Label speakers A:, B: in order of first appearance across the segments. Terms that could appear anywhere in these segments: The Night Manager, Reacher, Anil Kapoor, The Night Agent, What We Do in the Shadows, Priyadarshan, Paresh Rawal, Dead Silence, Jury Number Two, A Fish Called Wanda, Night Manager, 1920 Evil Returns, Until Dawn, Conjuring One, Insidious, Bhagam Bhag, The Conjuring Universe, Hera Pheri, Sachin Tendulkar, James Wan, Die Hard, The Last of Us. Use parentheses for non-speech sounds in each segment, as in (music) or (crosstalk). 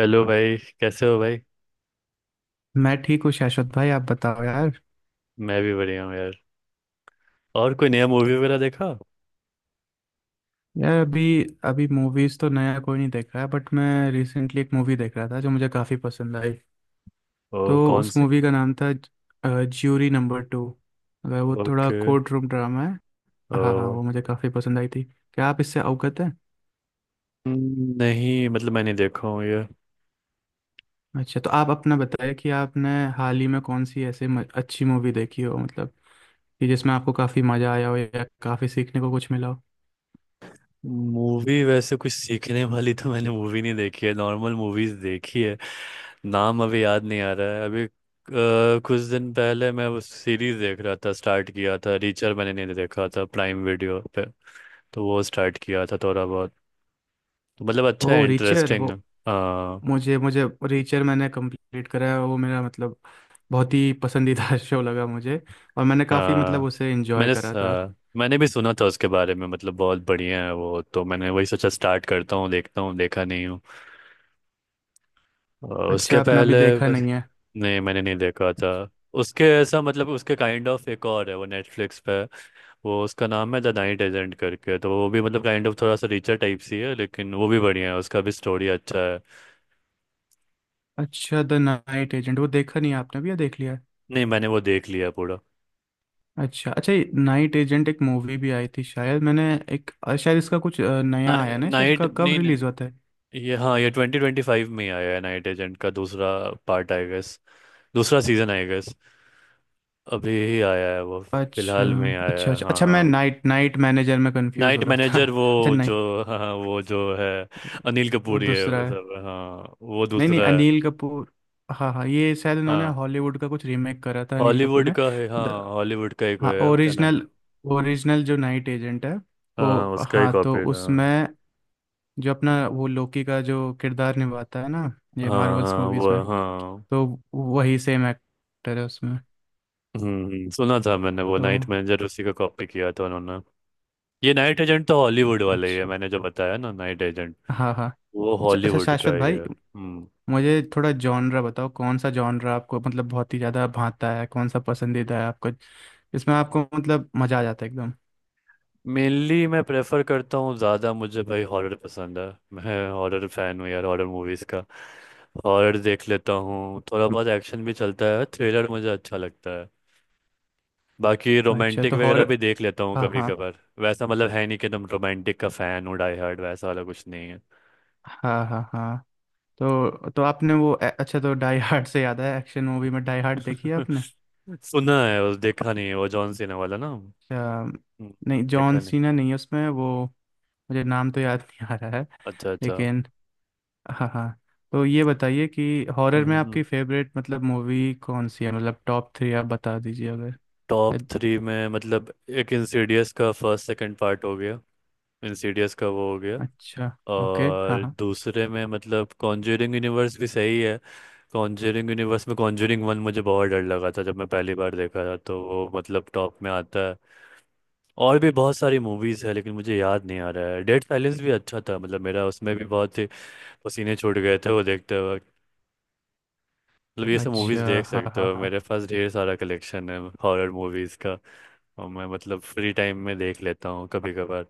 A: Hello भाई कैसे हो भाई।
B: मैं ठीक हूँ शाश्वत भाई, आप बताओ यार।
A: मैं भी बढ़िया हूँ यार। और कोई नया मूवी वगैरह देखा।
B: यार, अभी अभी मूवीज तो नया कोई नहीं देख रहा है, बट मैं रिसेंटली एक मूवी देख रहा था जो मुझे काफ़ी पसंद आई।
A: ओ,
B: तो
A: कौन
B: उस
A: सी।
B: मूवी का नाम था ज्यूरी नंबर टू। अगर वो थोड़ा
A: ओके।
B: कोर्ट रूम ड्रामा है। हाँ हाँ,
A: ओ,
B: वो मुझे काफ़ी पसंद आई थी। क्या आप इससे अवगत हैं?
A: नहीं मतलब मैंने देखा हूँ ये।
B: अच्छा, तो आप अपना बताइए कि आपने हाल ही में कौन सी ऐसी अच्छी मूवी देखी हो मतलब, कि जिसमें आपको काफ़ी मज़ा आया हो या काफ़ी सीखने को कुछ मिला हो।
A: मूवी वैसे कुछ सीखने वाली तो मैंने मूवी नहीं देखी है, नॉर्मल मूवीज देखी है। नाम अभी याद नहीं आ रहा है अभी कुछ दिन पहले मैं वो सीरीज देख रहा था, स्टार्ट किया था, रीचर मैंने नहीं देखा था प्राइम वीडियो पे। तो वो स्टार्ट किया था थोड़ा बहुत। तो मतलब अच्छा
B: ओ
A: है,
B: रीचर वो।
A: इंटरेस्टिंग। हाँ।
B: मुझे मुझे रीचर मैंने कंप्लीट करा है वो, मेरा मतलब बहुत ही पसंदीदा (laughs) शो लगा मुझे। और मैंने काफ़ी मतलब
A: हाँ
B: उसे एंजॉय करा था।
A: हाँ, मैंने भी सुना था उसके बारे में, मतलब बहुत बढ़िया है वो, तो मैंने वही सोचा स्टार्ट करता हूँ देखता हूँ, देखा नहीं हूँ। और
B: अच्छा,
A: उसके
B: आपने अभी
A: पहले
B: देखा
A: बस।
B: नहीं है।
A: नहीं मैंने नहीं देखा था। उसके ऐसा मतलब उसके काइंड ऑफ एक और है वो नेटफ्लिक्स पे। वो उसका नाम है द नाइट एजेंट करके, तो वो भी मतलब काइंड ऑफ थोड़ा सा रिचर टाइप सी है, लेकिन वो भी बढ़िया है, उसका भी स्टोरी अच्छा है।
B: अच्छा द नाइट एजेंट वो देखा नहीं है आपने भी, या देख लिया है?
A: नहीं, मैंने वो देख लिया पूरा।
B: अच्छा अच्छा, ये नाइट एजेंट एक मूवी भी आई थी शायद, मैंने एक शायद इसका कुछ नया आया ना शायद,
A: नाइट
B: कब
A: नहीं नहीं,
B: रिलीज होता है?
A: ये, हाँ, ये 2025 में ही आया है, नाइट एजेंट का दूसरा पार्ट आई गेस। दूसरा सीजन आई गेस। अभी ही आया है वो।
B: अच्छा
A: फिलहाल में आया
B: अच्छा
A: है
B: अच्छा अच्छा, मैं
A: हाँ।
B: नाइट नाइट मैनेजर में कंफ्यूज हो
A: नाइट
B: रहा था
A: मैनेजर वो
B: (laughs) अच्छा
A: जो,
B: नाइट
A: हाँ हाँ, वो जो है अनिल
B: वो
A: कपूर ही है
B: दूसरा
A: वो
B: है।
A: सब, हाँ वो
B: नहीं नहीं
A: दूसरा है।
B: अनिल कपूर, हाँ हाँ ये शायद इन्होंने
A: हाँ
B: हॉलीवुड का कुछ रीमेक करा था अनिल कपूर
A: हॉलीवुड
B: ने।
A: का है, हाँ
B: द,
A: हॉलीवुड का एक वो
B: हाँ
A: है, क्या नाम।
B: ओरिजिनल ओरिजिनल जो नाइट एजेंट है
A: हाँ हाँ,
B: वो,
A: उसका ही
B: हाँ तो
A: कॉपी हाँ।
B: उसमें जो अपना वो लोकी का जो किरदार निभाता है ना, ये
A: हाँ
B: मार्वल्स
A: हाँ,
B: मूवीज
A: वो
B: में,
A: हाँ।
B: तो वही सेम एक्टर है उसमें।
A: सुना था मैंने वो,
B: तो
A: नाइट मैनेजर उसी का कॉपी किया था उन्होंने। ये नाइट एजेंट तो हॉलीवुड वाला ही है,
B: अच्छा।
A: मैंने जो बताया ना नाइट एजेंट।
B: हाँ हाँ।
A: वो
B: अच्छा अच्छा
A: हॉलीवुड का
B: शाश्वत
A: ही
B: भाई,
A: है हम्म।
B: मुझे थोड़ा जॉनरा बताओ, कौन सा जॉनरा आपको मतलब बहुत ही ज़्यादा भाता है, कौन सा पसंदीदा है आपको? इसमें आपको मतलब मज़ा आ जाता है एकदम।
A: मेनली मैं प्रेफर करता हूँ ज़्यादा, मुझे भाई हॉरर पसंद है। मैं हॉरर फैन हूँ यार, हॉरर मूवीज़ का। हॉरर देख लेता हूँ, थोड़ा बहुत एक्शन भी चलता है, थ्रिलर मुझे अच्छा लगता है। बाकी
B: अच्छा
A: रोमांटिक
B: तो हॉर
A: वगैरह भी देख लेता हूँ
B: हाँ
A: कभी
B: हाँ
A: कभार, वैसा मतलब है नहीं कि तुम रोमांटिक का फ़ैन हो, डाई हार्ड वैसा वाला कुछ नहीं है।
B: हाँ हाँ हाँ। अच्छा तो डाई हार्ड से याद है, एक्शन मूवी में डाई हार्ड देखी है आपने?
A: (laughs) सुना है, उस देखा नहीं है, वो जॉन सीना वाला ना हम्म।
B: अच्छा, नहीं जॉन
A: देखा नहीं।
B: सीना नहीं है उसमें वो, मुझे नाम तो याद नहीं आ रहा है
A: अच्छा अच्छा।
B: लेकिन। हाँ हाँ, तो ये बताइए कि हॉरर में
A: हम्म।
B: आपकी फेवरेट मतलब मूवी कौन सी है? मतलब टॉप थ्री आप बता दीजिए अगर।
A: टॉप थ्री में मतलब एक इंसीडियस का फर्स्ट सेकंड पार्ट हो गया। इंसीडियस का वो हो गया।
B: अच्छा ओके हाँ
A: और
B: हाँ
A: दूसरे में मतलब कॉन्जरिंग यूनिवर्स भी सही है। कॉन्जरिंग यूनिवर्स में कॉन्जरिंग वन मुझे बहुत डर लगा था जब मैं पहली बार देखा था, तो वो मतलब टॉप में आता है। और भी बहुत सारी मूवीज़ है लेकिन मुझे याद नहीं आ रहा है, डेड साइलेंस भी अच्छा था, मतलब मेरा उसमें भी बहुत ही पसीने छूट गए थे वो देखते वक्त। मतलब ये सब
B: अच्छा
A: मूवीज़ देख
B: हाँ
A: सकते
B: हाँ
A: हो,
B: हाँ।
A: मेरे पास ढेर सारा कलेक्शन है। हॉरर मूवीज़ का। और मैं मतलब फ्री टाइम में देख लेता हूँ कभी कभार।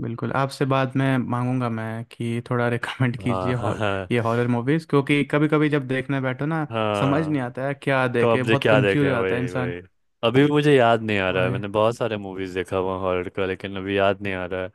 B: बिल्कुल, आपसे बाद में मांगूंगा मैं कि थोड़ा (laughs) रिकमेंड
A: हाँ
B: कीजिए
A: हाँ
B: हॉर
A: हाँ
B: ये हॉरर मूवीज़, क्योंकि कभी कभी जब देखने बैठो ना, समझ
A: हाँ।
B: नहीं आता है क्या देखे,
A: कब्जे
B: बहुत
A: क्या
B: कंफ्यूज
A: देखें,
B: हो जाता है
A: वही
B: इंसान।
A: वही। अभी भी मुझे याद नहीं आ रहा है,
B: वही।
A: मैंने बहुत सारे मूवीज देखा हुआ हॉरर का लेकिन अभी याद नहीं आ रहा है।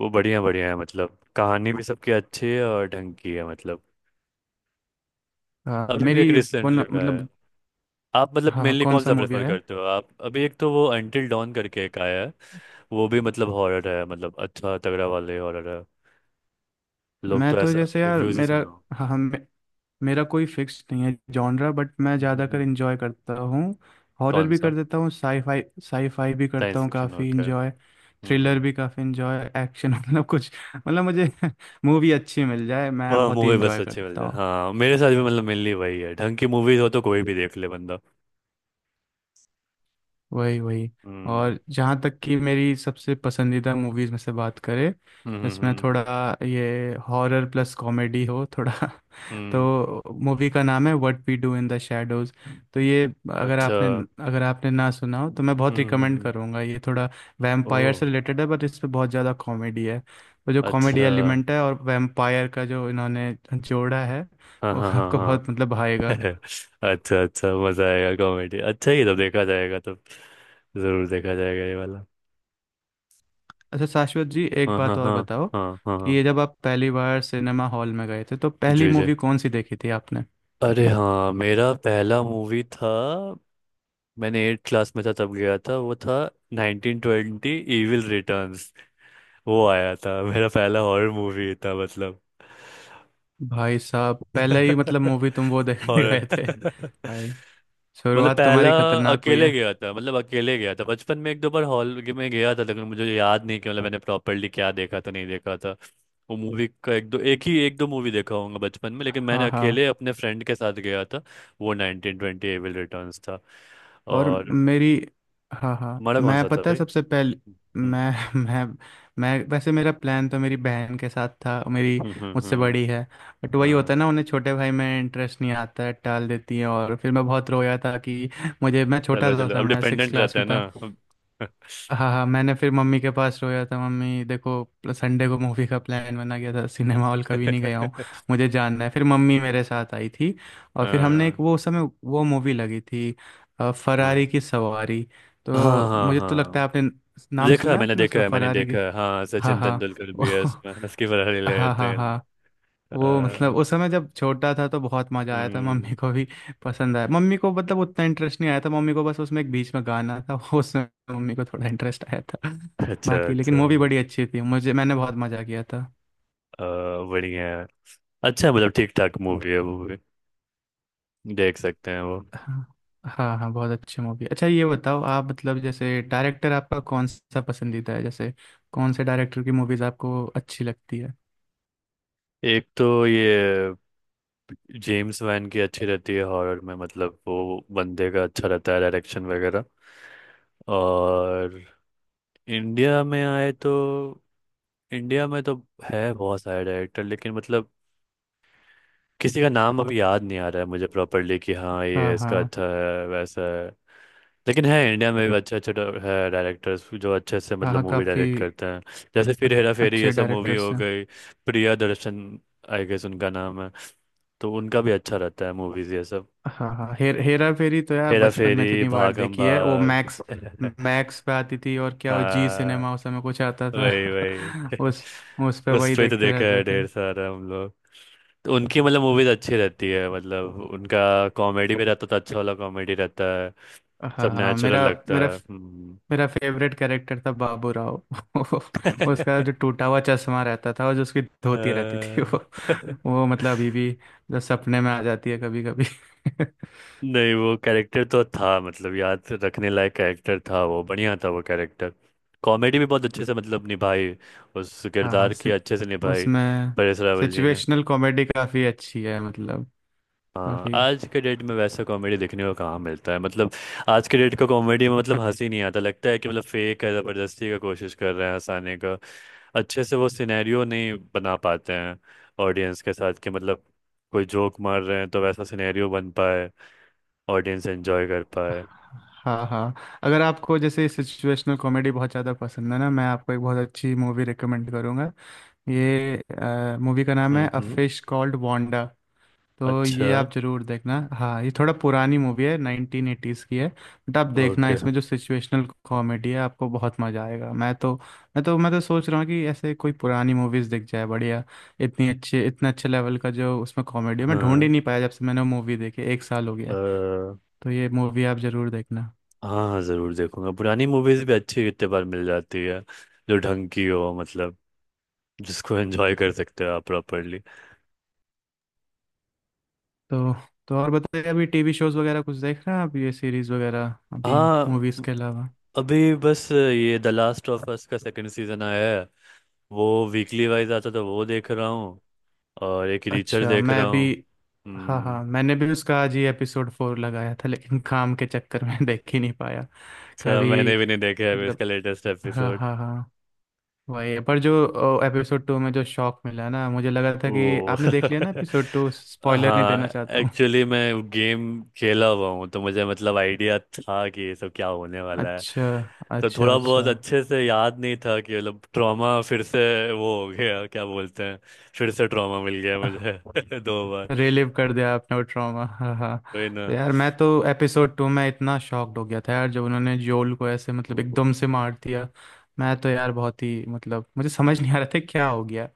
A: वो बढ़िया बढ़िया है, मतलब कहानी भी सबकी अच्छी है और ढंग की है मतलब।
B: हाँ
A: अभी भी एक
B: मेरी वन
A: रिसेंटली है।
B: मतलब।
A: आप मतलब
B: हाँ हाँ,
A: मेनली
B: कौन
A: कौन
B: सा
A: सा
B: मूवी
A: प्रेफर
B: है?
A: करते हो, आप अभी एक तो वो अंटिल डॉन करके एक आया है। वो भी मतलब हॉरर है, मतलब अच्छा तगड़ा वाले हॉरर है। लोग
B: मैं
A: तो
B: तो
A: ऐसा
B: जैसे यार
A: रिव्यूज ही
B: मेरा,
A: सुना हो।
B: हाँ हाँ मेरा कोई फिक्स नहीं है जॉनरा, बट मैं
A: (laughs) हम्म, हम्म,
B: ज़्यादातर
A: हम्म।
B: इंजॉय करता हूँ। हॉरर
A: कौन
B: भी
A: सा?
B: कर देता हूँ, साईफाई साईफाई भी करता
A: साइंस
B: हूँ
A: फिक्शन
B: काफ़ी
A: ओके।
B: इंजॉय, थ्रिलर भी काफ़ी इंजॉय, एक्शन (laughs) मतलब कुछ मतलब मुझे (laughs) मूवी अच्छी मिल जाए मैं
A: वह
B: बहुत ही
A: मूवी बस
B: इंजॉय
A: अच्छी मिल
B: करता
A: जाए,
B: हूँ।
A: हाँ मेरे साथ भी मतलब मिलनी वही है, ढंग की मूवीज हो तो कोई भी देख ले बंदा।
B: वही वही।
A: हम्म
B: और जहाँ तक कि मेरी सबसे पसंदीदा मूवीज़ में से बात करें,
A: हम्म हम्म
B: जिसमें
A: हम्म,
B: थोड़ा ये हॉरर प्लस कॉमेडी हो थोड़ा (laughs)
A: हम्म,
B: तो मूवी का नाम है what we do in the shadows. तो ये, अगर
A: अच्छा
B: आपने अगर आपने ना सुना हो तो मैं बहुत
A: हम्म, हम्म,
B: रिकमेंड
A: हम्म।
B: करूंगा ये। थोड़ा वैम्पायर
A: ओह।
B: से रिलेटेड है, बट इस पे बहुत ज़्यादा कॉमेडी है। तो जो कॉमेडी
A: अच्छा
B: एलिमेंट है और वैम्पायर का जो इन्होंने जोड़ा है,
A: हाँ
B: वो
A: हाँ हाँ
B: आपको
A: हाँ।
B: बहुत मतलब भाएगा।
A: (laughs) अच्छा अच्छा मजा आएगा, कॉमेडी अच्छा ही तो देखा जाएगा, तो जरूर देखा जाएगा ये वाला।
B: अच्छा शाश्वत जी, एक
A: हाँ हाँ
B: बात और
A: हाँ।
B: बताओ
A: हाँ हाँ
B: कि
A: हाँ।
B: ये जब आप पहली बार सिनेमा हॉल में गए थे तो पहली
A: जी जी।
B: मूवी कौन सी देखी थी आपने?
A: अरे हाँ मेरा पहला मूवी था। मैंने 8 क्लास में था तब गया था, वो था 1920 इविल रिटर्न। वो आया था, मेरा पहला हॉरर मूवी था मतलब।
B: भाई साहब, पहले ही मतलब
A: (laughs)
B: मूवी तुम वो देखने (laughs)
A: हॉरर
B: गए थे
A: (laughs)
B: भाई?
A: मतलब
B: शुरुआत
A: पहला।
B: तुम्हारी खतरनाक हुई
A: अकेले
B: है।
A: गया था, मतलब अकेले गया था, बचपन में एक दो बार हॉल में गया था लेकिन मुझे याद नहीं कि मतलब मैंने प्रॉपरली क्या देखा था, नहीं देखा था। वो मूवी का एक दो एक ही एक दो मूवी देखा होगा बचपन में, लेकिन मैंने
B: हाँ हाँ
A: अकेले अपने फ्रेंड के साथ गया था। वो 1920 एविल रिटर्न्स था।
B: और
A: और
B: मेरी, हाँ हाँ
A: हमारा कौन
B: मैं
A: सा था
B: पता है
A: भाई।
B: सबसे पहले,
A: हम्म
B: मैं (laughs) मैं मैं वैसे मेरा प्लान तो मेरी बहन के साथ था। मेरी,
A: हम्म हम्म
B: मुझसे
A: हम्म,
B: बड़ी है, बट वही होता
A: हाँ।
B: है ना, उन्हें छोटे भाई में इंटरेस्ट नहीं आता है, टाल देती है। और फिर मैं बहुत रोया था कि मुझे, मैं छोटा
A: चलो
B: था उस
A: चलो, अब
B: समय सिक्स
A: डिपेंडेंट
B: क्लास
A: रहता है
B: में था।
A: ना (laughs)
B: हाँ हाँ, मैंने फिर मम्मी के पास रोया था, मम्मी देखो संडे को मूवी का प्लान बना गया था, सिनेमा हॉल कभी नहीं गया हूँ,
A: (laughs)
B: मुझे जानना है। फिर मम्मी मेरे साथ आई थी, और फिर हमने एक
A: हाँ
B: वो उस समय वो मूवी लगी थी, फरारी
A: हाँ
B: की सवारी।
A: हाँ
B: तो
A: हाँ
B: मुझे तो लगता है आपने
A: हाँ।
B: नाम
A: देखा है
B: सुना है
A: मैंने,
B: आपने
A: देखा
B: उसका,
A: है मैंने,
B: फरारी
A: देखा
B: की।
A: है हाँ,
B: हाँ
A: सचिन तेंदुलकर भी है
B: हाँ
A: उसमें,
B: (laughs)
A: हंस के बड़ा ले
B: हाँ
A: लेते
B: हाँ
A: हैं।
B: हाँ। वो मतलब
A: अ,
B: उस समय जब छोटा था तो बहुत मजा आया था,
A: हम्म,
B: मम्मी को भी पसंद आया, मम्मी को मतलब उतना इंटरेस्ट नहीं आया था मम्मी को, बस उसमें एक बीच में गाना था (laughs) वो उसमें मम्मी को थोड़ा इंटरेस्ट आया था।
A: अच्छा
B: बाकी लेकिन
A: अच्छा
B: मूवी बड़ी अच्छी थी मुझे, मैंने बहुत मजा किया था।
A: अ, बढ़िया है। अच्छा मतलब ठीक ठाक मूवी है वो भी, देख सकते हैं वो।
B: हाँ हाँ हाँ, बहुत अच्छी मूवी। अच्छा ये बताओ आप मतलब जैसे डायरेक्टर आपका कौन सा पसंदीदा है, जैसे कौन से डायरेक्टर की मूवीज आपको अच्छी लगती है?
A: एक तो ये जेम्स वैन की अच्छी रहती है हॉरर में, मतलब वो बंदे का अच्छा रहता है डायरेक्शन वगैरह। और इंडिया में आए तो, इंडिया में तो है बहुत सारे डायरेक्टर लेकिन मतलब किसी का नाम अभी याद नहीं आ रहा है मुझे प्रॉपरली कि हाँ
B: हाँ
A: ये इसका
B: हाँ
A: अच्छा है वैसा है। लेकिन है इंडिया में भी अच्छे अच्छे है डायरेक्टर्स जो अच्छे से
B: हाँ
A: मतलब
B: हाँ,
A: मूवी
B: काफी
A: डायरेक्ट करते हैं। जैसे फिर हेरा फेरी
B: अच्छे
A: ये सब मूवी
B: डायरेक्टर्स
A: हो
B: हैं।
A: गई। प्रिया दर्शन आई गेस उनका नाम है। तो उनका भी अच्छा रहता है मूवीज ये सब।
B: हाँ हाँ हाँ। हेरा फेरी तो यार
A: हेरा
B: बचपन में
A: फेरी
B: इतनी बार
A: भागम
B: देखी है वो, मैक्स
A: भाग (laughs)
B: मैक्स पे आती थी, और क्या वो जी
A: हाँ
B: सिनेमा उस समय कुछ आता
A: वही
B: था (laughs)
A: वही।
B: उस
A: (laughs)
B: पे
A: उस
B: वही
A: पे तो
B: देखते
A: देखा
B: रहते
A: है
B: थे।
A: ढेर सारा हम। तो उनकी मतलब मूवीज अच्छी रहती है, मतलब उनका कॉमेडी भी रहता था, अच्छा वाला कॉमेडी रहता है।
B: हाँ
A: सब
B: हाँ
A: नेचुरल
B: मेरा
A: लगता
B: मेरा
A: है।
B: मेरा फेवरेट कैरेक्टर था बाबू राव (laughs) उसका
A: (laughs)
B: जो टूटा हुआ चश्मा रहता था और जो उसकी धोती रहती थी (laughs)
A: अ,
B: वो
A: (laughs)
B: वो मतलब अभी भी जो सपने में आ जाती है कभी कभी (laughs)
A: नहीं वो कैरेक्टर तो था, मतलब याद रखने लायक कैरेक्टर था वो, बढ़िया था वो कैरेक्टर। कॉमेडी भी बहुत अच्छे से मतलब निभाई, उस
B: हाँ हाँ,
A: किरदार की अच्छे से निभाई,
B: उसमें
A: परेश रावल जी ने।
B: सिचुएशनल कॉमेडी काफी अच्छी है मतलब।
A: हाँ
B: काफी।
A: आज के डेट में वैसा कॉमेडी देखने को कहाँ मिलता है मतलब। आज के डेट का कॉमेडी में मतलब हंसी नहीं आता, लगता है कि मतलब फेक है, ज़बरदस्ती का कोशिश कर रहे हैं हंसाने का। अच्छे से वो सिनेरियो नहीं बना पाते हैं ऑडियंस के साथ, कि मतलब कोई जोक मार रहे हैं तो वैसा सिनेरियो बन पाए, ऑडियंस एंजॉय कर पाए।
B: हाँ हाँ, अगर आपको जैसे सिचुएशनल कॉमेडी बहुत ज़्यादा पसंद है ना, मैं आपको एक बहुत अच्छी मूवी रिकमेंड करूँगा। ये मूवी का नाम है अ
A: हम्म।
B: Fish called Wanda. तो
A: अच्छा।
B: ये आप ज़रूर देखना। हाँ ये थोड़ा पुरानी मूवी है, 1980s की है, बट आप देखना
A: ओके।
B: इसमें जो सिचुएशनल कॉमेडी है, आपको बहुत मज़ा आएगा। मैं तो सोच रहा हूँ कि ऐसे कोई पुरानी मूवीज़ दिख जाए बढ़िया, इतनी अच्छे इतने अच्छे लेवल का जो उसमें कॉमेडी है मैं ढूंढ ही
A: हाँ
B: नहीं पाया, जब से मैंने वो मूवी देखी एक साल हो गया है।
A: अ,
B: तो ये मूवी आप ज़रूर देखना।
A: हाँ हाँ जरूर देखूंगा, पुरानी मूवीज भी अच्छी कितने बार मिल जाती है, जो ढंग की हो मतलब, जिसको (laughs) एंजॉय कर सकते हो आप प्रॉपरली।
B: तो तो और बताइए अभी टीवी शोज वगैरह कुछ देख रहे हैं आप, ये सीरीज वगैरह, अभी
A: हाँ
B: मूवीज के अलावा?
A: अभी बस ये द लास्ट ऑफ अस का सेकंड सीजन आया है। वो वीकली वाइज आता था, वो देख रहा हूँ। और एक रीचर
B: अच्छा
A: देख रहा
B: मैं भी,
A: हूँ।
B: हाँ
A: हम्म।
B: हाँ मैंने भी उसका आज ही एपिसोड 4 लगाया था, लेकिन काम के चक्कर में (laughs) देख ही नहीं पाया।
A: अच्छा
B: कभी
A: मैंने भी नहीं देखा है अभी इसका
B: मतलब,
A: लेटेस्ट
B: हाँ
A: एपिसोड।
B: हाँ हाँ, वही पर जो एपिसोड 2 में जो शॉक मिला ना, मुझे लगा था कि
A: वो
B: आपने देख लिया ना
A: (laughs)
B: एपिसोड 2, स्पॉइलर नहीं
A: हाँ
B: देना चाहता हूँ।
A: एक्चुअली मैं गेम खेला हुआ हूँ, तो मुझे मतलब आइडिया था कि ये सब क्या होने वाला है।
B: अच्छा
A: तो
B: अच्छा
A: थोड़ा
B: अच्छा,
A: बहुत अच्छे से याद नहीं था कि मतलब ट्रॉमा फिर से वो हो गया, क्या बोलते हैं, फिर से ट्रॉमा मिल गया मुझे (laughs) दो बार।
B: रिलीव कर दिया आपने वो ट्रॉमा, हाँ हाँ।
A: वही ना।
B: तो यार मैं तो एपिसोड 2 में इतना शॉक्ड हो गया था यार, जब उन्होंने जोल को ऐसे मतलब एकदम से मार दिया। मैं तो यार बहुत ही मतलब मुझे समझ नहीं आ रहा था क्या हो गया।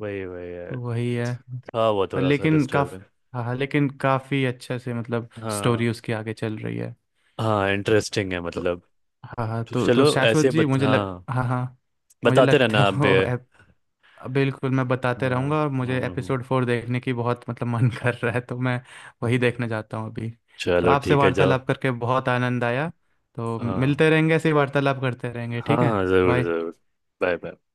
A: वही वही है,
B: तो वही है।
A: था वो
B: पर
A: थोड़ा सा
B: लेकिन काफ
A: डिस्टर्बिंग।
B: हाँ हाँ, लेकिन काफ़ी अच्छे से मतलब स्टोरी
A: हाँ
B: उसकी आगे चल रही है।
A: हाँ इंटरेस्टिंग है
B: तो
A: मतलब।
B: हाँ हाँ,
A: तो
B: तो
A: चलो
B: शाश्वत
A: ऐसे
B: जी
A: बता,
B: मुझे लग
A: हाँ,
B: हाँ हाँ, मुझे
A: बताते
B: लगता
A: रहना
B: है
A: आप भी।
B: वो। बिल्कुल, मैं
A: हाँ
B: बताते रहूंगा, और
A: हम्म,
B: मुझे
A: हम्म,
B: एपिसोड
A: हम्म।
B: फोर देखने की बहुत मतलब मन (laughs) कर रहा है तो मैं वही देखने जाता हूँ अभी। तो
A: चलो
B: आपसे
A: ठीक है जाओ।
B: वार्तालाप करके बहुत आनंद आया। तो
A: हाँ
B: मिलते रहेंगे ऐसे ही वार्तालाप करते रहेंगे,
A: हाँ
B: ठीक है।
A: हाँ जरूर
B: बाय।
A: जरूर। Bye bye.